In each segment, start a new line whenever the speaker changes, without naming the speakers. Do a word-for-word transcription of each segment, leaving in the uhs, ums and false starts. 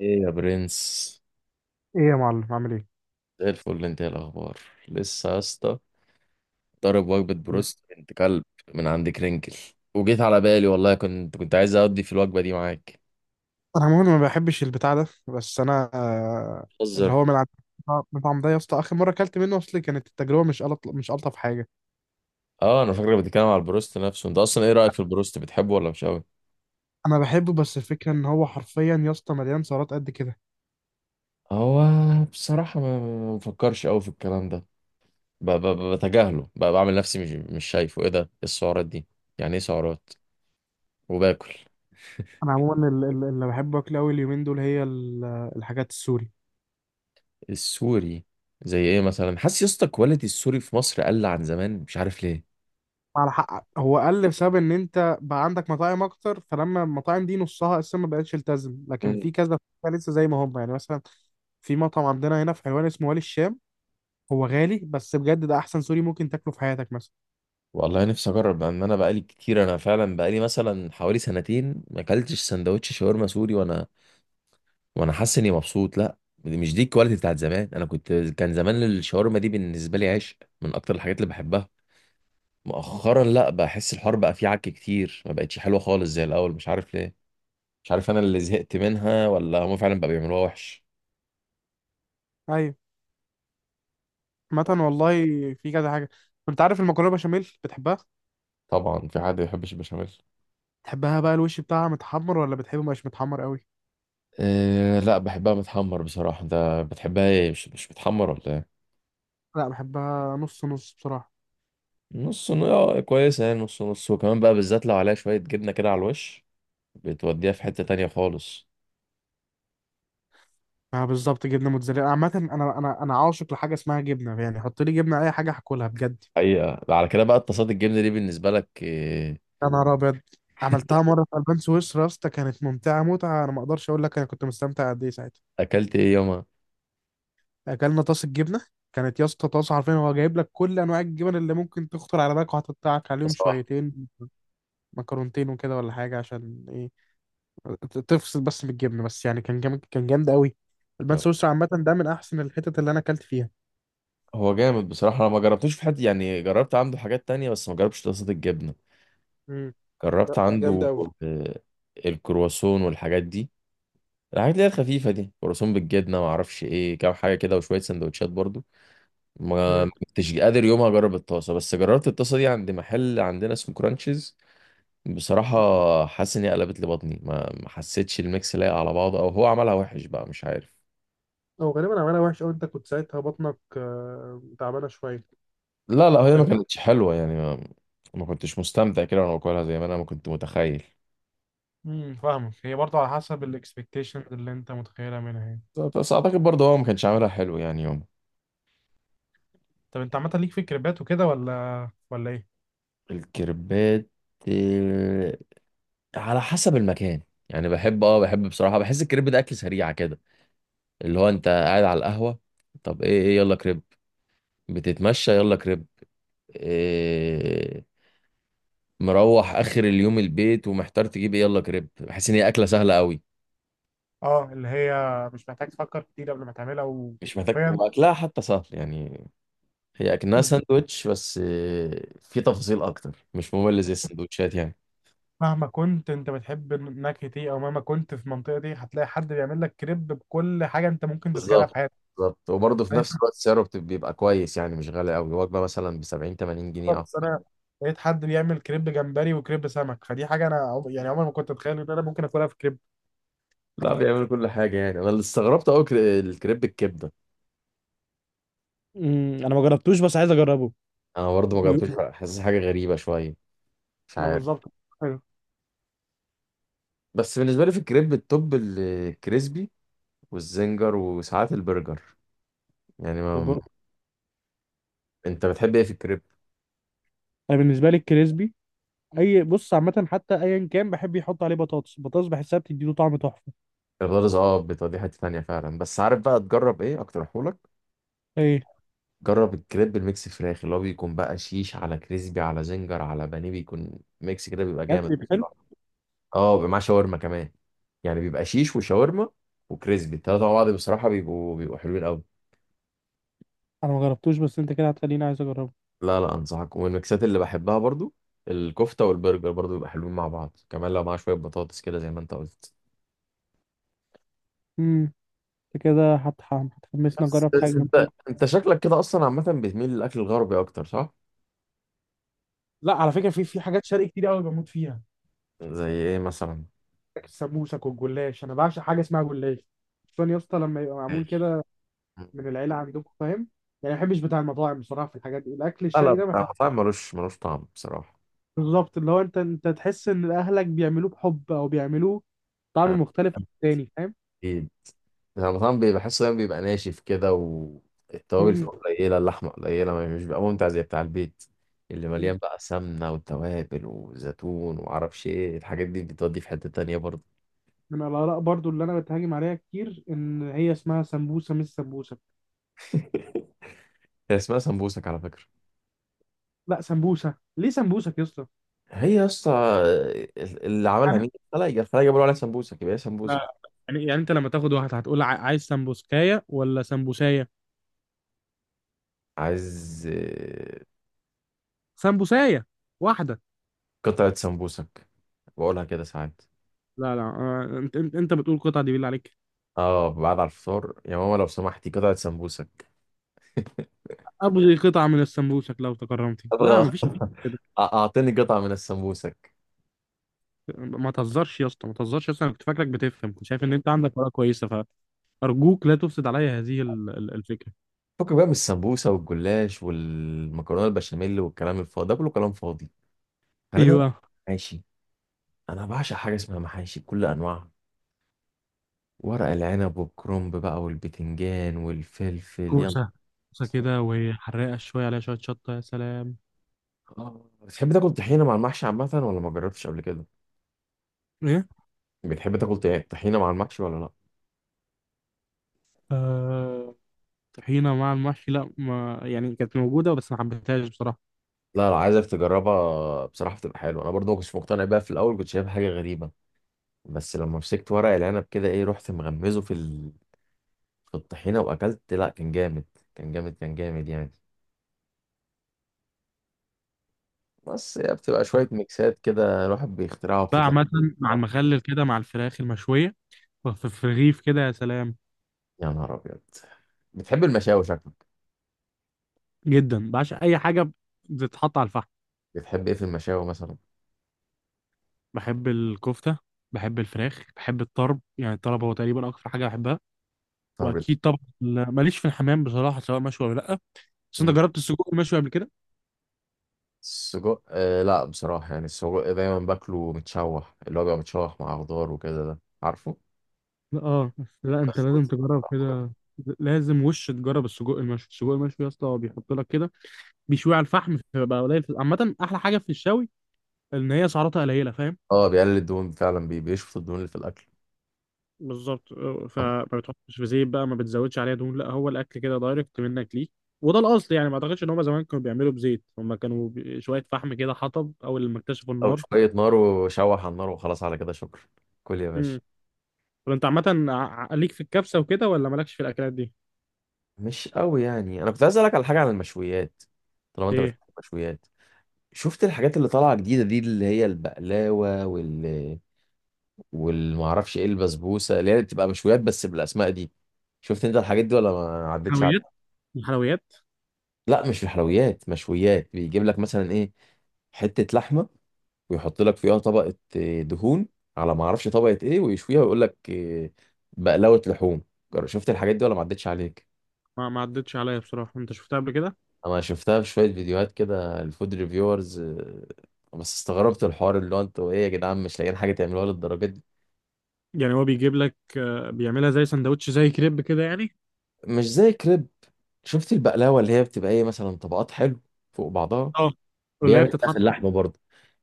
ايه يا برنس.
ايه يا معلم، عامل ايه؟
زي الفل، انت ايه الاخبار؟ لسه يا اسطى. ضارب وجبه بروست، انت كلب، من عند كرنكل. وجيت على بالي والله كنت كنت عايز اقضي في الوجبه دي معاك.
انا عموما ما بحبش البتاع ده، بس انا آه، اللي
بتهزر.
هو من عند المطعم ده يا اسطى. اخر مره اكلت منه، اصل كانت التجربه مش ألط... مش الطف حاجه.
اه انا فاكرك بتتكلم على البروست نفسه. انت اصلا ايه رايك في البروست، بتحبه ولا مش قوي؟
انا بحبه، بس الفكره ان هو حرفيا يا اسطى مليان سعرات قد كده.
هو بصراحه ما ما بفكرش قوي في الكلام ده. ب- ب- ب- بتجاهله، ب- بعمل نفسي مش مش شايفه. ايه ده؟ إيه السعرات دي؟ يعني ايه سعرات وباكل؟
انا عموما ال- ال- اللي بحبه اكل قوي اليومين دول هي ال- الحاجات السوري.
السوري. زي ايه مثلا؟ حاسس يا اسطى كواليتي السوري في مصر قل عن زمان، مش عارف ليه.
على حق، هو قل بسبب ان انت بقى عندك مطاعم اكتر، فلما المطاعم دي نصها اساسا ما بقتش التزم، لكن في كذا لسه زي ما هم. يعني مثلا في مطعم عندنا هنا في حلوان اسمه والي الشام. هو غالي، بس بجد ده احسن سوري ممكن تاكله في حياتك مثلا.
والله نفسي اجرب. بان انا بقالي كتير، انا فعلا بقالي مثلا حوالي سنتين ما اكلتش سندوتش شاورما سوري، وانا وانا حاسس اني مبسوط. لا، دي مش دي الكواليتي بتاعت زمان. انا كنت، كان زمان الشاورما دي بالنسبه لي عشق، من اكتر الحاجات اللي بحبها. مؤخرا لا، بحس الحوار بقى فيه عك كتير، ما بقتش حلوه خالص زي الاول، مش عارف ليه. مش عارف انا اللي زهقت منها ولا هم فعلا بقى بيعملوها وحش.
ايوه. عامة والله في كذا حاجه. انت عارف المكرونه بشاميل بتحبها؟
طبعا في حد ما يحبش البشاميل؟
بتحبها بقى الوش بتاعها متحمر ولا بتحبه مش متحمر قوي؟
أه لا، بحبها متحمر بصراحه. ده بتحبها ايه، مش مش متحمر ولا ايه؟
لا بحبها نص نص بصراحه.
نص ن- اه، كويسة يعني نص نص. وكمان بقى بالذات لو عليها شوية جبنة كده على الوش، بتوديها في حتة تانية خالص.
اه بالظبط. جبنه موتزاريلا. عامه انا انا انا عاشق لحاجه اسمها جبنه. يعني حط لي جبنه اي حاجه هاكلها بجد.
حقيقة على كده بقى، اتصاد الجبنة دي بالنسبة لك إيه؟
يا نهار ابيض. عملتها مره في البان سويسرا يا اسطى. كانت ممتعه متعه، انا ما اقدرش اقول لك انا كنت مستمتع قد ايه ساعتها.
أكلت إيه يومها؟
اكلنا طاسه جبنه. كانت يا اسطى طاسه، حرفيا هو جايب لك كل انواع الجبن اللي ممكن تخطر على بالك، وهتقطعك عليهم
صباح.
شويتين مكرونتين وكده ولا حاجه. عشان ايه؟ ت- تفصل بس من الجبنه. بس يعني كان جامد، كان جامد قوي. البان
يلا.
سويسرا عامه ده من احسن الحتت اللي انا اكلت فيها.
هو جامد بصراحة. أنا ما جربتوش في حتة يعني، جربت عنده حاجات تانية بس ما جربتش اتصاد الجبنة.
امم. لا
جربت
جامد
عنده،
قوي.
آه، الكرواسون والحاجات دي، الحاجات اللي هي الخفيفة دي كرواسون بالجبنة ما أعرفش إيه، كام حاجة كده وشوية سندوتشات برضو. ما ما
امم
كنتش قادر يومها اجرب الطاسه، بس جربت الطاسه دي عند محل عندنا اسمه كرانشز. بصراحه حاسس ان هي قلبت لي بطني، ما ما حسيتش الميكس لايق على بعضه، او هو عملها وحش بقى، مش عارف.
هو غالبا عملها وحش قوي. انت كنت ساعتها بطنك آه، تعبانه شويه.
لا لا، هي ما كانتش حلوه يعني، ما, ما كنتش مستمتع كده وانا باكلها زي ما انا ما كنت متخيل.
امم فاهمك. هي برضه على حسب الاكسبكتيشنز اللي انت متخيلها منها يعني.
بس اعتقد برضه هو ما كانش عاملها حلو يعني يوم
طب انت عامه ليك في الكريبات وكده ولا ولا ايه؟
الكريبات. آه، على حسب المكان. يعني بحب، اه بحب بصراحه، بحس الكريب ده اكل سريع كده، اللي هو انت قاعد على القهوه، طب ايه، ايه يلا كريب، بتتمشى يلا كريب، إيه، مروح اخر اليوم البيت ومحتار تجيب ايه، يلا كريب. بحس ان هي اكله سهله قوي.
اه اللي هي مش محتاج تفكر كتير قبل ما تعملها،
مش محتاج،
وحرفيا.
واكلها حتى سهل يعني. هي اكنها
بس
ساندوتش بس إيه، في تفاصيل اكتر، مش ممل زي السندوتشات يعني.
مهما كنت انت بتحب النكهه دي، او مهما كنت في المنطقه دي، هتلاقي حد بيعمل لك كريب بكل حاجه انت ممكن تتخيلها في
بالظبط،
حياتك.
بالظبط. وبرضه في
أنا مش
نفس الوقت سعره بت- بيبقى كويس يعني، مش غالي قوي، وجبه مثلا ب سبعين تمانين جنيه،
عارف،
اه.
بس انا لقيت حد بيعمل كريب جمبري وكريب سمك، فدي حاجه انا عم- يعني عمري ما كنت اتخيل ان انا ممكن اكلها في كريب.
لا بيعملوا كل حاجه يعني. انا اللي استغربت قوي الكريب الكبده.
امم انا ما جربتوش بس عايز اجربه.
انا برضه ما
بيقول.
جربتوش حاسس حاجه غريبه شويه، مش
ما
عارف.
بالظبط. حلو.
بس بالنسبة لي في الكريب التوب الكريسبي والزنجر وساعات البرجر، يعني ما...
البر...
انت بتحب ايه في الكريب؟
انا بالنسبه لي الكريسبي. اي بص عامه حتى ايا كان بحب يحط عليه بطاطس. البطاطس بحسها بتديله طعم تحفه.
البطاطس اه بتودي، دي حتة تانية فعلا. بس عارف بقى تجرب ايه، اقترحهولك؟
ايه.
جرب الكريب الميكس فراخ، اللي هو بيكون بقى شيش على كريسبي على زنجر على بانيه، بيكون ميكس كده بيبقى جامد
بجد.
بصراحة. اه بيبقى معاه شاورما كمان، يعني بيبقى شيش وشاورما وكريسبي، التلاتة مع بعض بصراحة بيبقوا بيبقوا حلوين قوي.
انا ما جربتوش، بس انت كده هتخليني عايز اجربه.
لا لا، انصحك. والميكسات اللي بحبها برضو الكفته والبرجر، برضو بيبقى حلوين مع بعض، كمان لو معاه شويه بطاطس كده زي ما انت قلت.
امم. انت كده هت- هتحمسني
بس
اجرب حاجه
بس
أنا مش
انت
عارف.
انت شكلك كده اصلا عامه بتميل للاكل الغربي اكتر، صح؟
لا على فكره في في حاجات شرقي كتير قوي بموت فيها.
زي ايه مثلا؟
السموسك والجلاش. انا بعشق حاجه اسمها جلاش، خصوصا يا اسطى لما يبقى معمول
ماشي.
كده، من العيله عندكم فاهم؟ يعني ما بحبش بتاع المطاعم بصراحه في الحاجات دي. الاكل
لا لا،
الشرقي ده
بتاع
بحب.
المطاعم ملوش ملوش طعم بصراحه.
بالظبط اللي هو انت انت تحس ان اهلك بيعملوه بحب، او بيعملوه طعم
آه،
مختلف عن التاني فاهم؟
اكيد. بتاع المطاعم بي- بحسه دايما بيبقى ناشف كده، والتوابل فيه
م-
قليله، اللحمه قليله، ما- مش بيبقى ممتع زي بتاع البيت، اللي
م-
مليان بقى سمنه وتوابل وزيتون ومعرفش ايه، الحاجات دي بتودي في حته تانيه برضه.
من الاراء برضو اللي انا بتهاجم عليها كتير ان هي اسمها سمبوسه مش سمبوسه.
هي اسمها سمبوسك على فكرة.
لا سمبوسه ليه سمبوسك يا اسطى؟
هي يا اسطى، ال- اللي عملها
يعني
مين؟ الخلايا، الخلايا بيقولوا عليها سمبوسك، يبقى هي
إحنا-
سمبوسك.
يعني يعني انت لما تاخد واحد هتقول ع- عايز سمبوسكايه ولا سمبوسايه؟
عايز، آه،
سمبوسايه واحده.
قطعة سمبوسك، بقولها كده ساعات.
لا لا، آه، انت انت انت بتقول قطعه دي بالله عليك؟
اه بعد على الفطار يا ماما لو سمحتي قطعة سمبوسك.
ابغي قطعه من السمبوسك لو تكرمتي. لا
ابغى
مفيش كده.
أ- اعطيني قطعة من السمبوسك.
ما تهزرش يا اسطى، ما تهزرش يا اسطى. انا كنت فاكرك بتفهم، كنت شايف ان انت عندك ورقه كويسه. فارجوك لا تفسد عليا هذه ال- ال- الفكره.
فكك بقى من السمبوسة والجلاش والمكرونة البشاميل والكلام الفاضي ده، كله كلام فاضي. خلينا.
ايوه.
محاشي. انا بعشق حاجة اسمها محاشي بكل انواعها، ورق العنب والكرنب بقى والبتنجان والفلفل. يا
كوسه. كوسه كده وحرقه شويه عليها شويه شطه، يا سلام.
آه. بتحب تاكل طحينه مع المحشي عامه ولا ما جربتش قبل كده؟
ايه.
بتحب تاكل طي- طحينه مع المحشي ولا لا؟
آه... طحينه مع المحشي، لا ما يعني كانت موجوده بس ما حبيتهاش بصراحه.
لا لا، عايزك تجربها بصراحه، بتبقى حلوه. انا برضو ما كنتش مقتنع بيها في الاول، كنت شايفها حاجه غريبه. بس لما مسكت ورق العنب كده، ايه، رحت مغمزه في ال... في الطحينه واكلت. لا، كان جامد، كان جامد كان جامد يعني. بس هي بتبقى شويه ميكسات كده الواحد بيخترعها
بقى
وبتطلع.
عامة مع
بصراحه،
المخلل كده مع الفراخ المشوية، في في رغيف كده، يا سلام.
يا نهار ابيض. بتحب المشاوي شكلك.
جدا بعشق أي حاجة بتتحط على الفحم.
بتحب ايه في المشاوي مثلا؟
بحب الكفتة، بحب الفراخ، بحب الطرب. يعني الطرب هو تقريبا أكتر حاجة بحبها.
طرب.
وأكيد طبعا. ال- ماليش في الحمام بصراحة، سواء مشوي ولا لأ. بس أنت جربت السجق المشوي قبل كده؟
السجق، آه لا بصراحة يعني. السجق دايما باكله متشوح، اللي هو بيبقى متشوح مع خضار وكده، ده عارفه؟
لا اه، بس لا أنت
مشكوك.
لازم تجرب كده. لازم وش تجرب السجق المشوي. السجق المشوي يا اسطى هو بيحط لك كده، بيشوي على الفحم، فبقى قليل. عامة أحلى حاجة في الشوي إن هي سعراتها قليلة فاهم؟
اه بيقلل الدهون فعلا، بي- بيشفط الدهون اللي في الأكل.
بالظبط، آه، فما بتحطش في زيت بقى، ما بتزودش عليها دهون. لا هو الاكل كده دايركت منك ليه، وده الاصل. يعني ما اعتقدش ان هم زمان كانوا بيعملوا بزيت، هم كانوا ب- شويه فحم كده، حطب، اول لما اكتشفوا
أو
النار.
شوية نار وشوح على النار وخلاص، على كده شكرا، كل يا باشا.
امم. طب انت عامه ع- ع- ليك في الكبسه وكده ولا مالكش في الاكلات دي؟
مش قوي يعني. أنا كنت عايز أسألك على حاجة عن المشويات طالما أنت بتحب
ايه.
المشويات. شفت الحاجات اللي طالعة جديدة دي، اللي هي البقلاوة وال والمعرفش إيه البسبوسة، اللي هي بتبقى مشويات بس بالأسماء دي. شفت أنت الحاجات دي ولا ما عدتش؟
حلويات. الحلويات.
لا، مش في حلويات، مشويات. بيجيب لك مثلا ايه، حته لحمه، ويحط لك فيها طبقه آه، دهون، على ما اعرفش طبقه ايه، ويشويها ويقول لك آه، بقلاوه لحوم. جر- شفت الحاجات دي ولا ما عدتش عليك؟
ما ما عدتش عليا بصراحه. انت شفتها قبل كده؟
انا شفتها في شويه فيديوهات كده، الفود ريفيورز. بس استغربت الحوار، اللي هو انتوا ايه يا جدعان، مش لاقيين حاجه تعملوها للدرجه دي؟
يعني هو بيجيب لك، آه، بيعملها زي سندوتش، زي كريب كده يعني.
مش زي كريب. شفت البقلاوه، اللي هي بتبقى ايه مثلا، طبقات حلو فوق بعضها.
اه. واللي هي
بيعمل كده
بتتحط
في اللحمه برضه.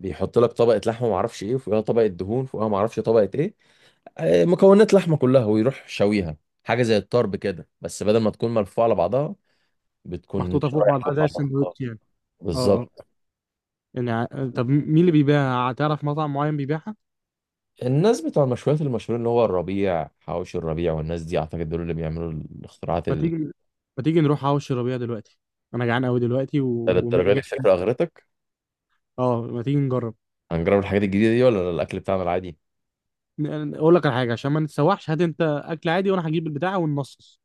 بيحط لك طبقه لحمه ما اعرفش ايه، وفوقها طبقه دهون، فوقها ما اعرفش طبقه ايه، آه، مكونات لحمه كلها ويروح شويها. حاجه زي الطرب كده، بس بدل ما تكون ملفوعه على بعضها بتكون
محطوطه فوق
شرايح
بعضها
فوق
زي
بعضها. آه،
السندوتش يعني. اه اه.
بالظبط.
يعني ع- طب مين اللي بيبيعها؟ تعرف مطعم معين بيبيعها؟
الناس بتوع المشويات المشهورين اللي هو الربيع، حواوشي الربيع، والناس دي اعتقد دول اللي بيعملوا الاختراعات
ما
ال-
تيجي، ما تيجي نروح حوش ربيع دلوقتي، انا جعان قوي دلوقتي و... و...
للدرجه دي. الفكره اغرتك.
اه ما تيجي نجرب.
هنجرب الحاجات الجديده دي ولا الاكل بتاعنا العادي؟
ن- اقول لك على حاجه عشان ما نتسوحش، هات انت اكل عادي وانا هجيب البتاع وننصص.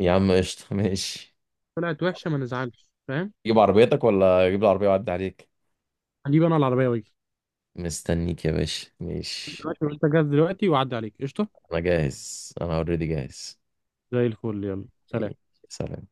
يا عم قشطه ماشي.
طلعت وحشه، ما نزعلش فاهم؟
جيب عربيتك ولا اجيب العربيه واعدي عليك؟
هجيب انا العربيه واجي.
مستنيك يا باشا، ماشي.
دلوقتي انت جاهز؟ دلوقتي وعدي عليك قشطه.
انا جاهز، انا اوريدي جاهز.
زي الفل، يلا
إيه،
سلام.
سلام.